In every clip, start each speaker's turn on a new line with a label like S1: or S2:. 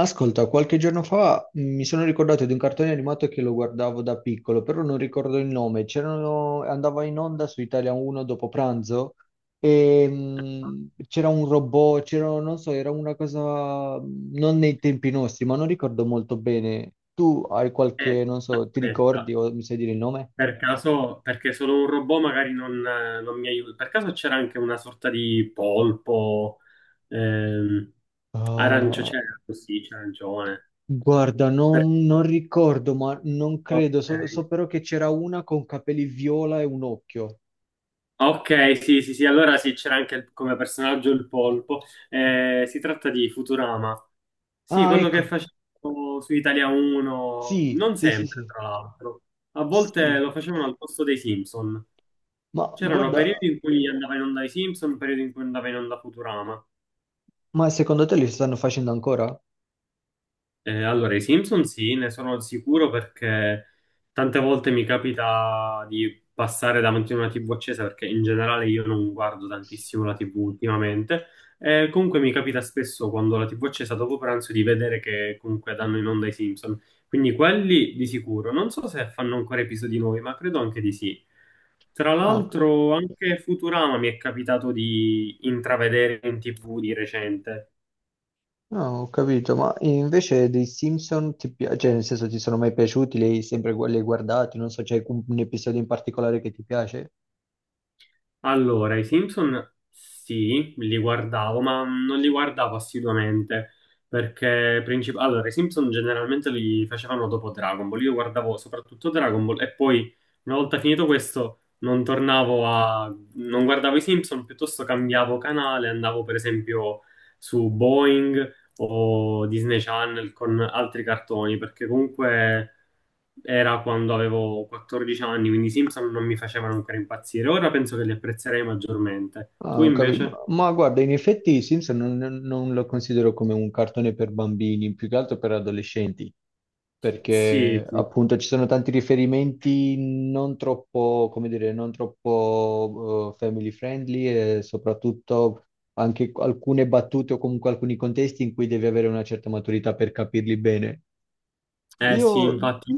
S1: Ascolta, qualche giorno fa mi sono ricordato di un cartone animato che lo guardavo da piccolo, però non ricordo il nome. Andava in onda su Italia 1 dopo pranzo e c'era un robot, c'era, non so, era una cosa non nei tempi nostri, ma non ricordo molto bene. Tu hai qualche, non so, ti
S2: Aspetta,
S1: ricordi o mi sai dire il nome?
S2: per caso, perché solo un robot magari non mi aiuta. Per caso c'era anche una sorta di polpo, ehm, arancio,
S1: Ah,
S2: c'era così, c'era arancione.
S1: guarda,
S2: Per-
S1: non ricordo, ma non credo.
S2: ok.
S1: So però che c'era una con capelli viola e un occhio.
S2: Ok, sì, sì, sì, allora sì, c'era anche come personaggio il polpo. Si tratta di Futurama. Sì,
S1: Ah,
S2: quello che
S1: ecco.
S2: facevo su Italia 1,
S1: Sì,
S2: non
S1: sì, sì,
S2: sempre,
S1: sì,
S2: tra l'altro. A volte
S1: sì.
S2: lo facevano al posto dei Simpson.
S1: Ma
S2: C'erano
S1: guarda,
S2: periodi in cui andava in onda i Simpson, periodi in cui andava in onda Futurama.
S1: ma secondo te li stanno facendo ancora?
S2: Allora, i Simpson sì, ne sono sicuro perché tante volte mi capita di passare davanti a una TV accesa perché in generale io non guardo tantissimo la TV ultimamente. Comunque mi capita spesso quando la TV è accesa dopo pranzo di vedere che comunque danno in onda i Simpson. Quindi quelli di sicuro. Non so se fanno ancora episodi nuovi, ma credo anche di sì. Tra
S1: Ah, ok.
S2: l'altro anche Futurama mi è capitato di intravedere in TV di recente.
S1: Ah, ho capito, ma invece dei Simpson ti piace, cioè nel senso ti sono mai piaciuti, li hai guardati, non so, c'è un episodio in particolare che ti piace?
S2: Allora, i Simpson sì, li guardavo, ma non li guardavo assiduamente perché allora, i Simpson generalmente li facevano dopo Dragon Ball. Io guardavo soprattutto Dragon Ball e poi una volta finito questo non tornavo a non guardavo i Simpson, piuttosto cambiavo canale, andavo per esempio su Boeing o Disney Channel con altri cartoni, perché comunque era quando avevo 14 anni, quindi i Simpson non mi facevano ancora impazzire. Ora penso che li apprezzerei maggiormente.
S1: Ah,
S2: Tu
S1: ho capito.
S2: invece?
S1: Ma guarda, in effetti i Simpson non lo considero come un cartone per bambini, più che altro per adolescenti,
S2: Sì,
S1: perché
S2: sì.
S1: appunto ci sono tanti riferimenti non troppo, come dire, non troppo family friendly e soprattutto anche alcune battute o comunque alcuni contesti in cui devi avere una certa maturità per capirli bene.
S2: Eh
S1: Io
S2: sì, infatti.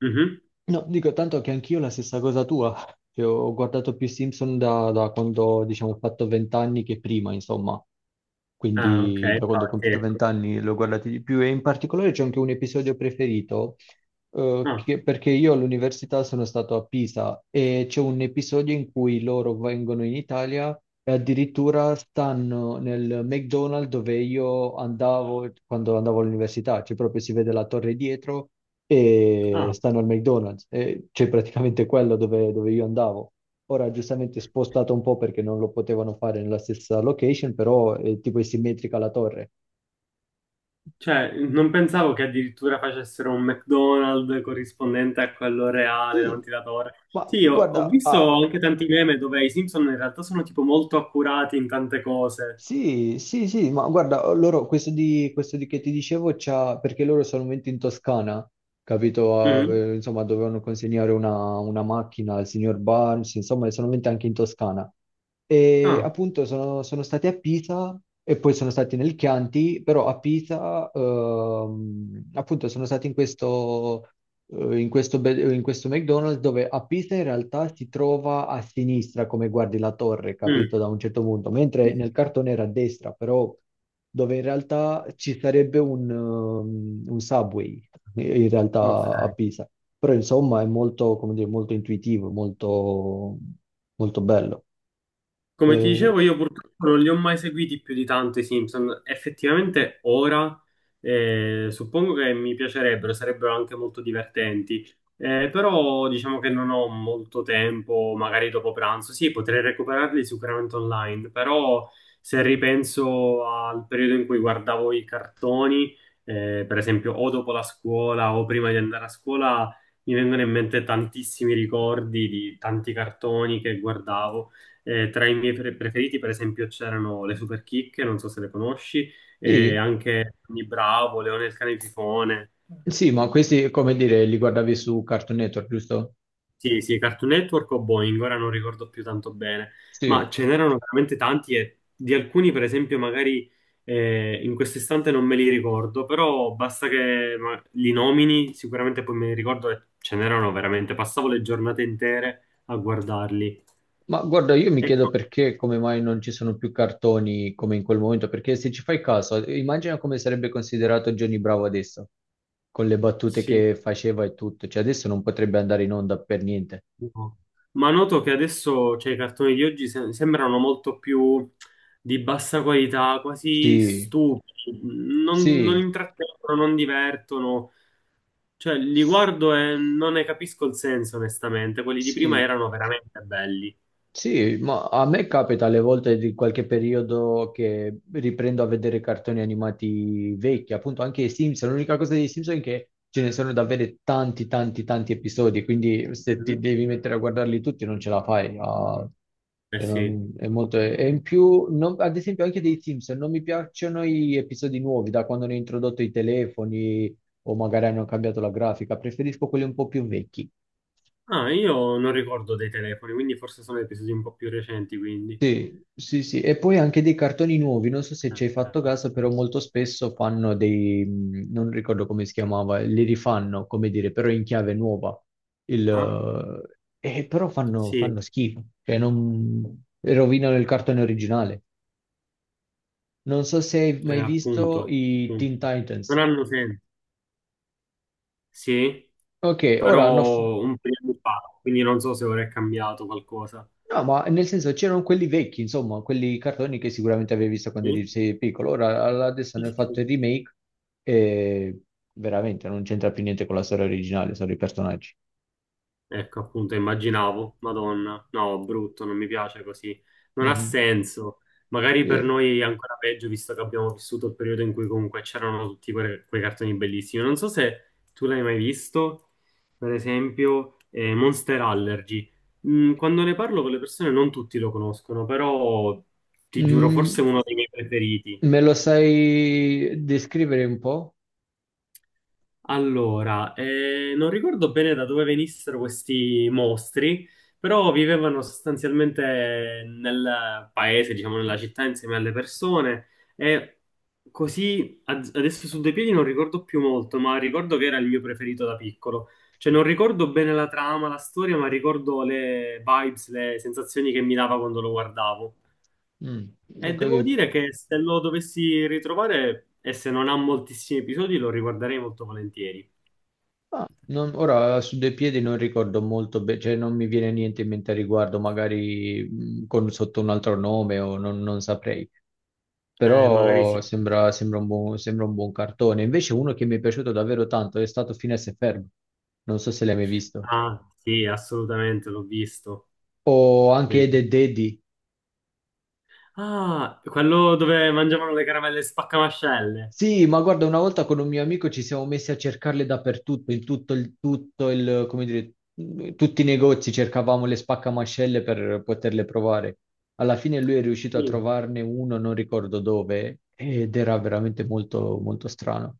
S2: Mhm.
S1: No, dico tanto che anch'io la stessa cosa tua, che ho guardato più Simpson da quando, diciamo, ho fatto vent'anni che prima, insomma.
S2: Ah, ok,
S1: Quindi da quando ho
S2: infatti,
S1: compiuto
S2: ecco.
S1: vent'anni l'ho guardato di più e in particolare c'è anche un episodio preferito,
S2: Ah,
S1: perché io all'università sono stato a Pisa e c'è un episodio in cui loro vengono in Italia e addirittura stanno nel McDonald's dove io andavo quando andavo all'università, cioè proprio si vede la torre dietro e
S2: ah.
S1: stanno al McDonald's, e cioè praticamente quello dove io andavo. Ora giustamente spostato un po' perché non lo potevano fare nella stessa location, però tipo è simmetrica la torre.
S2: Cioè, non pensavo che addirittura facessero un McDonald's corrispondente a quello reale
S1: Sì,
S2: davanti alla torre.
S1: ma
S2: Sì, ho
S1: guarda,
S2: visto
S1: ha
S2: anche tanti meme dove i Simpson in realtà sono tipo molto accurati in tante cose.
S1: sì, sì, sì, ma guarda, loro, questo di che ti dicevo, perché loro sono venuti in Toscana, capito?
S2: Mhm.
S1: Insomma, dovevano consegnare una macchina al signor Barnes, insomma, sono venuti anche in Toscana. E
S2: Ah,
S1: appunto sono stati a Pisa e poi sono stati nel Chianti, però a Pisa, appunto, sono stati in questo McDonald's dove a Pisa in realtà si trova a sinistra come guardi la torre, capito?
S2: mm.
S1: Da un certo punto, mentre
S2: Sì,
S1: nel cartone era a destra, però dove in realtà ci sarebbe un subway in
S2: Ok.
S1: realtà a Pisa. Però insomma è molto, come dire, molto intuitivo, molto, molto bello.
S2: Come ti
S1: Eh,
S2: dicevo, io purtroppo non li ho mai seguiti più di tanto i Simpson. Effettivamente ora suppongo che mi piacerebbero, sarebbero anche molto divertenti. Però diciamo che non ho molto tempo, magari dopo pranzo. Sì, potrei recuperarli sicuramente online, però se ripenso al periodo in cui guardavo i cartoni, per esempio o dopo la scuola o prima di andare a scuola, mi vengono in mente tantissimi ricordi di tanti cartoni che guardavo. Tra i miei preferiti, per esempio, c'erano le Superchicche, non so se le conosci, e
S1: sì,
S2: anche Tony Bravo, Leone il cane fifone.
S1: sì, ma questi, come dire, li guardavi su Cartoon Network, giusto?
S2: Sì, sì, Cartoon Network o Boeing, ora non ricordo più tanto bene, ma
S1: Sì.
S2: ce n'erano veramente tanti e di alcuni, per esempio, magari in questo istante non me li ricordo, però basta che ma, li nomini, sicuramente poi me li ricordo e ce n'erano veramente, passavo le giornate intere a guardarli.
S1: Ma guarda, io mi chiedo
S2: Ecco,
S1: perché, come mai non ci sono più cartoni come in quel momento, perché se ci fai caso, immagina come sarebbe considerato Johnny Bravo adesso, con le battute
S2: sì.
S1: che faceva e tutto, cioè adesso non potrebbe andare in onda per niente.
S2: No. Ma noto che adesso, cioè, i cartoni di oggi sembrano molto più di bassa qualità, quasi
S1: Sì,
S2: stupidi, non
S1: sì,
S2: intrattengono, non divertono, cioè li guardo e non ne capisco il senso, onestamente, quelli di prima
S1: sì,
S2: erano veramente belli.
S1: sì, ma a me capita alle volte di qualche periodo che riprendo a vedere cartoni animati vecchi, appunto anche i Simpson. L'unica cosa dei Simpson è che ce ne sono davvero tanti, tanti, tanti episodi, quindi se ti
S2: Mhm.
S1: devi mettere a guardarli tutti non ce la fai.
S2: Eh
S1: Cioè,
S2: sì.
S1: è e in più, ad esempio anche dei Simpson, non, mi piacciono gli episodi nuovi, da quando hanno introdotto i telefoni o magari hanno cambiato la grafica, preferisco quelli un po' più vecchi.
S2: Ah, io non ricordo dei telefoni, quindi forse sono episodi un po' più recenti, quindi.
S1: Sì, sì, sì, e poi anche dei cartoni nuovi, non so se ci hai fatto caso, però molto spesso fanno dei, non ricordo come si chiamava, li rifanno, come dire, però in chiave nuova, il,
S2: Ah,
S1: e però fanno,
S2: sì,
S1: fanno schifo, cioè non, rovinano il cartone originale. Non so se hai mai visto
S2: appunto,
S1: i
S2: appunto.
S1: Teen Titans.
S2: Non hanno senso. Sì.
S1: Ok,
S2: Però un periodo fa, quindi non so se ora è cambiato qualcosa.
S1: no, ma nel senso c'erano quelli vecchi, insomma, quelli cartoni che sicuramente avevi visto quando eri
S2: Sì?
S1: sei piccolo. Ora adesso
S2: Sì,
S1: hanno
S2: sì,
S1: fatto
S2: sì.
S1: il remake e veramente non c'entra più niente con la storia originale, sono i personaggi.
S2: Ecco, appunto, immaginavo, Madonna, no, brutto, non mi piace così, non ha
S1: Mhm.
S2: senso. Magari per
S1: Sì.
S2: noi è ancora peggio, visto che abbiamo vissuto il periodo in cui comunque c'erano tutti quei cartoni bellissimi. Non so se tu l'hai mai visto, per esempio, Monster Allergy. Quando ne parlo con le persone non tutti lo conoscono, però ti giuro, forse è
S1: Mm,
S2: uno dei miei preferiti.
S1: Me lo sai descrivere un po'?
S2: Allora, non ricordo bene da dove venissero questi mostri, però vivevano sostanzialmente nel paese, diciamo nella città, insieme alle persone e così adesso su due piedi non ricordo più molto, ma ricordo che era il mio preferito da piccolo. Cioè non ricordo bene la trama, la storia, ma ricordo le vibes, le sensazioni che mi dava quando lo guardavo.
S1: Mm,
S2: E
S1: ok.
S2: devo dire che se lo dovessi ritrovare e se non ha moltissimi episodi lo riguarderei molto volentieri.
S1: Ah, ora su dei piedi non ricordo molto bene, cioè non mi viene niente in mente a riguardo, magari sotto un altro nome o non saprei.
S2: Magari sì.
S1: Però sembra un buon cartone. Invece uno che mi è piaciuto davvero tanto è stato Finesse e Ferb. Non so se l'hai mai visto.
S2: Ah, sì, assolutamente, l'ho visto.
S1: O anche Ed
S2: Bellissimo.
S1: e Deddy.
S2: Ah, quello dove mangiavano le caramelle spaccamascelle.
S1: Sì, ma guarda, una volta con un mio amico ci siamo messi a cercarle dappertutto, in tutto il, come dire, in tutti i negozi cercavamo le spaccamascelle per poterle provare. Alla fine lui è riuscito a
S2: Sì.
S1: trovarne uno, non ricordo dove, ed era veramente molto, molto strano.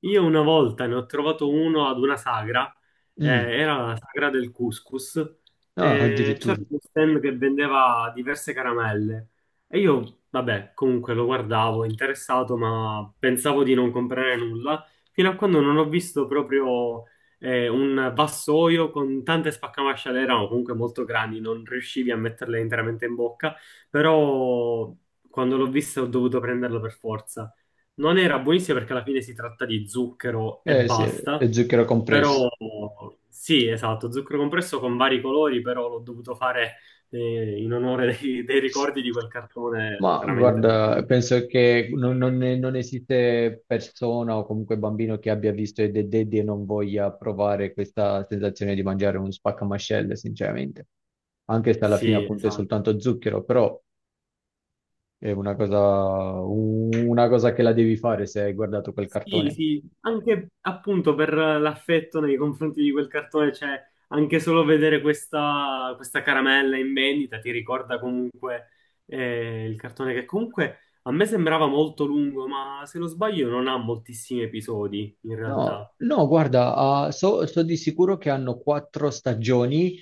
S2: Io una volta ne ho trovato uno ad una sagra, eh,
S1: Mm.
S2: era la sagra del couscous,
S1: Ah,
S2: e c'era
S1: addirittura.
S2: uno stand che vendeva diverse caramelle. E io, vabbè, comunque lo guardavo interessato, ma pensavo di non comprare nulla, fino a quando non ho visto proprio un vassoio con tante spaccamasciale, erano comunque molto grandi, non riuscivi a metterle interamente in bocca, però quando l'ho vista ho dovuto prenderlo per forza. Non era buonissima perché alla fine si tratta di zucchero e
S1: Eh sì,
S2: basta,
S1: è zucchero compresso.
S2: però sì, esatto, zucchero compresso con vari colori, però l'ho dovuto fare in onore dei ricordi di quel cartone
S1: Ma
S2: veramente
S1: guarda,
S2: bello.
S1: penso che non esiste persona o comunque bambino che abbia visto Ed e Eddy e non voglia provare questa sensazione di mangiare uno spaccamascelle, sinceramente. Anche se alla fine
S2: Sì,
S1: appunto è
S2: esatto.
S1: soltanto zucchero, però è una cosa che la devi fare se hai guardato quel
S2: Sì,
S1: cartone.
S2: sì, anche appunto per l'affetto nei confronti di quel cartone, cioè anche solo vedere questa caramella in vendita ti ricorda comunque il cartone che comunque a me sembrava molto lungo, ma se non sbaglio non ha moltissimi episodi in realtà.
S1: No, no, guarda, so di sicuro che hanno 4 stagioni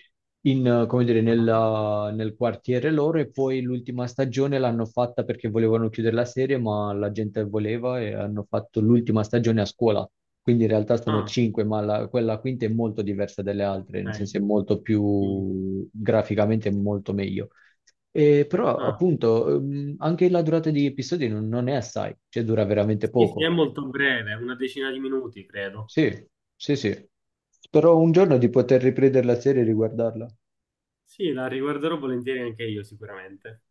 S1: come dire, nel quartiere loro e poi l'ultima stagione l'hanno fatta perché volevano chiudere la serie, ma la gente voleva e hanno fatto l'ultima stagione a scuola. Quindi in realtà sono
S2: Ah,
S1: 5, ma quella quinta è molto diversa dalle altre, nel
S2: ok.
S1: senso è molto
S2: Sì, sì.
S1: più graficamente molto meglio. E però
S2: Ah,
S1: appunto anche la durata di episodi non è assai, cioè dura veramente
S2: sì, sì, è
S1: poco.
S2: molto breve, una decina di minuti credo.
S1: Sì, sì, sì. Spero un giorno di poter riprendere la serie e riguardarla.
S2: Sì, la riguarderò volentieri anche io sicuramente.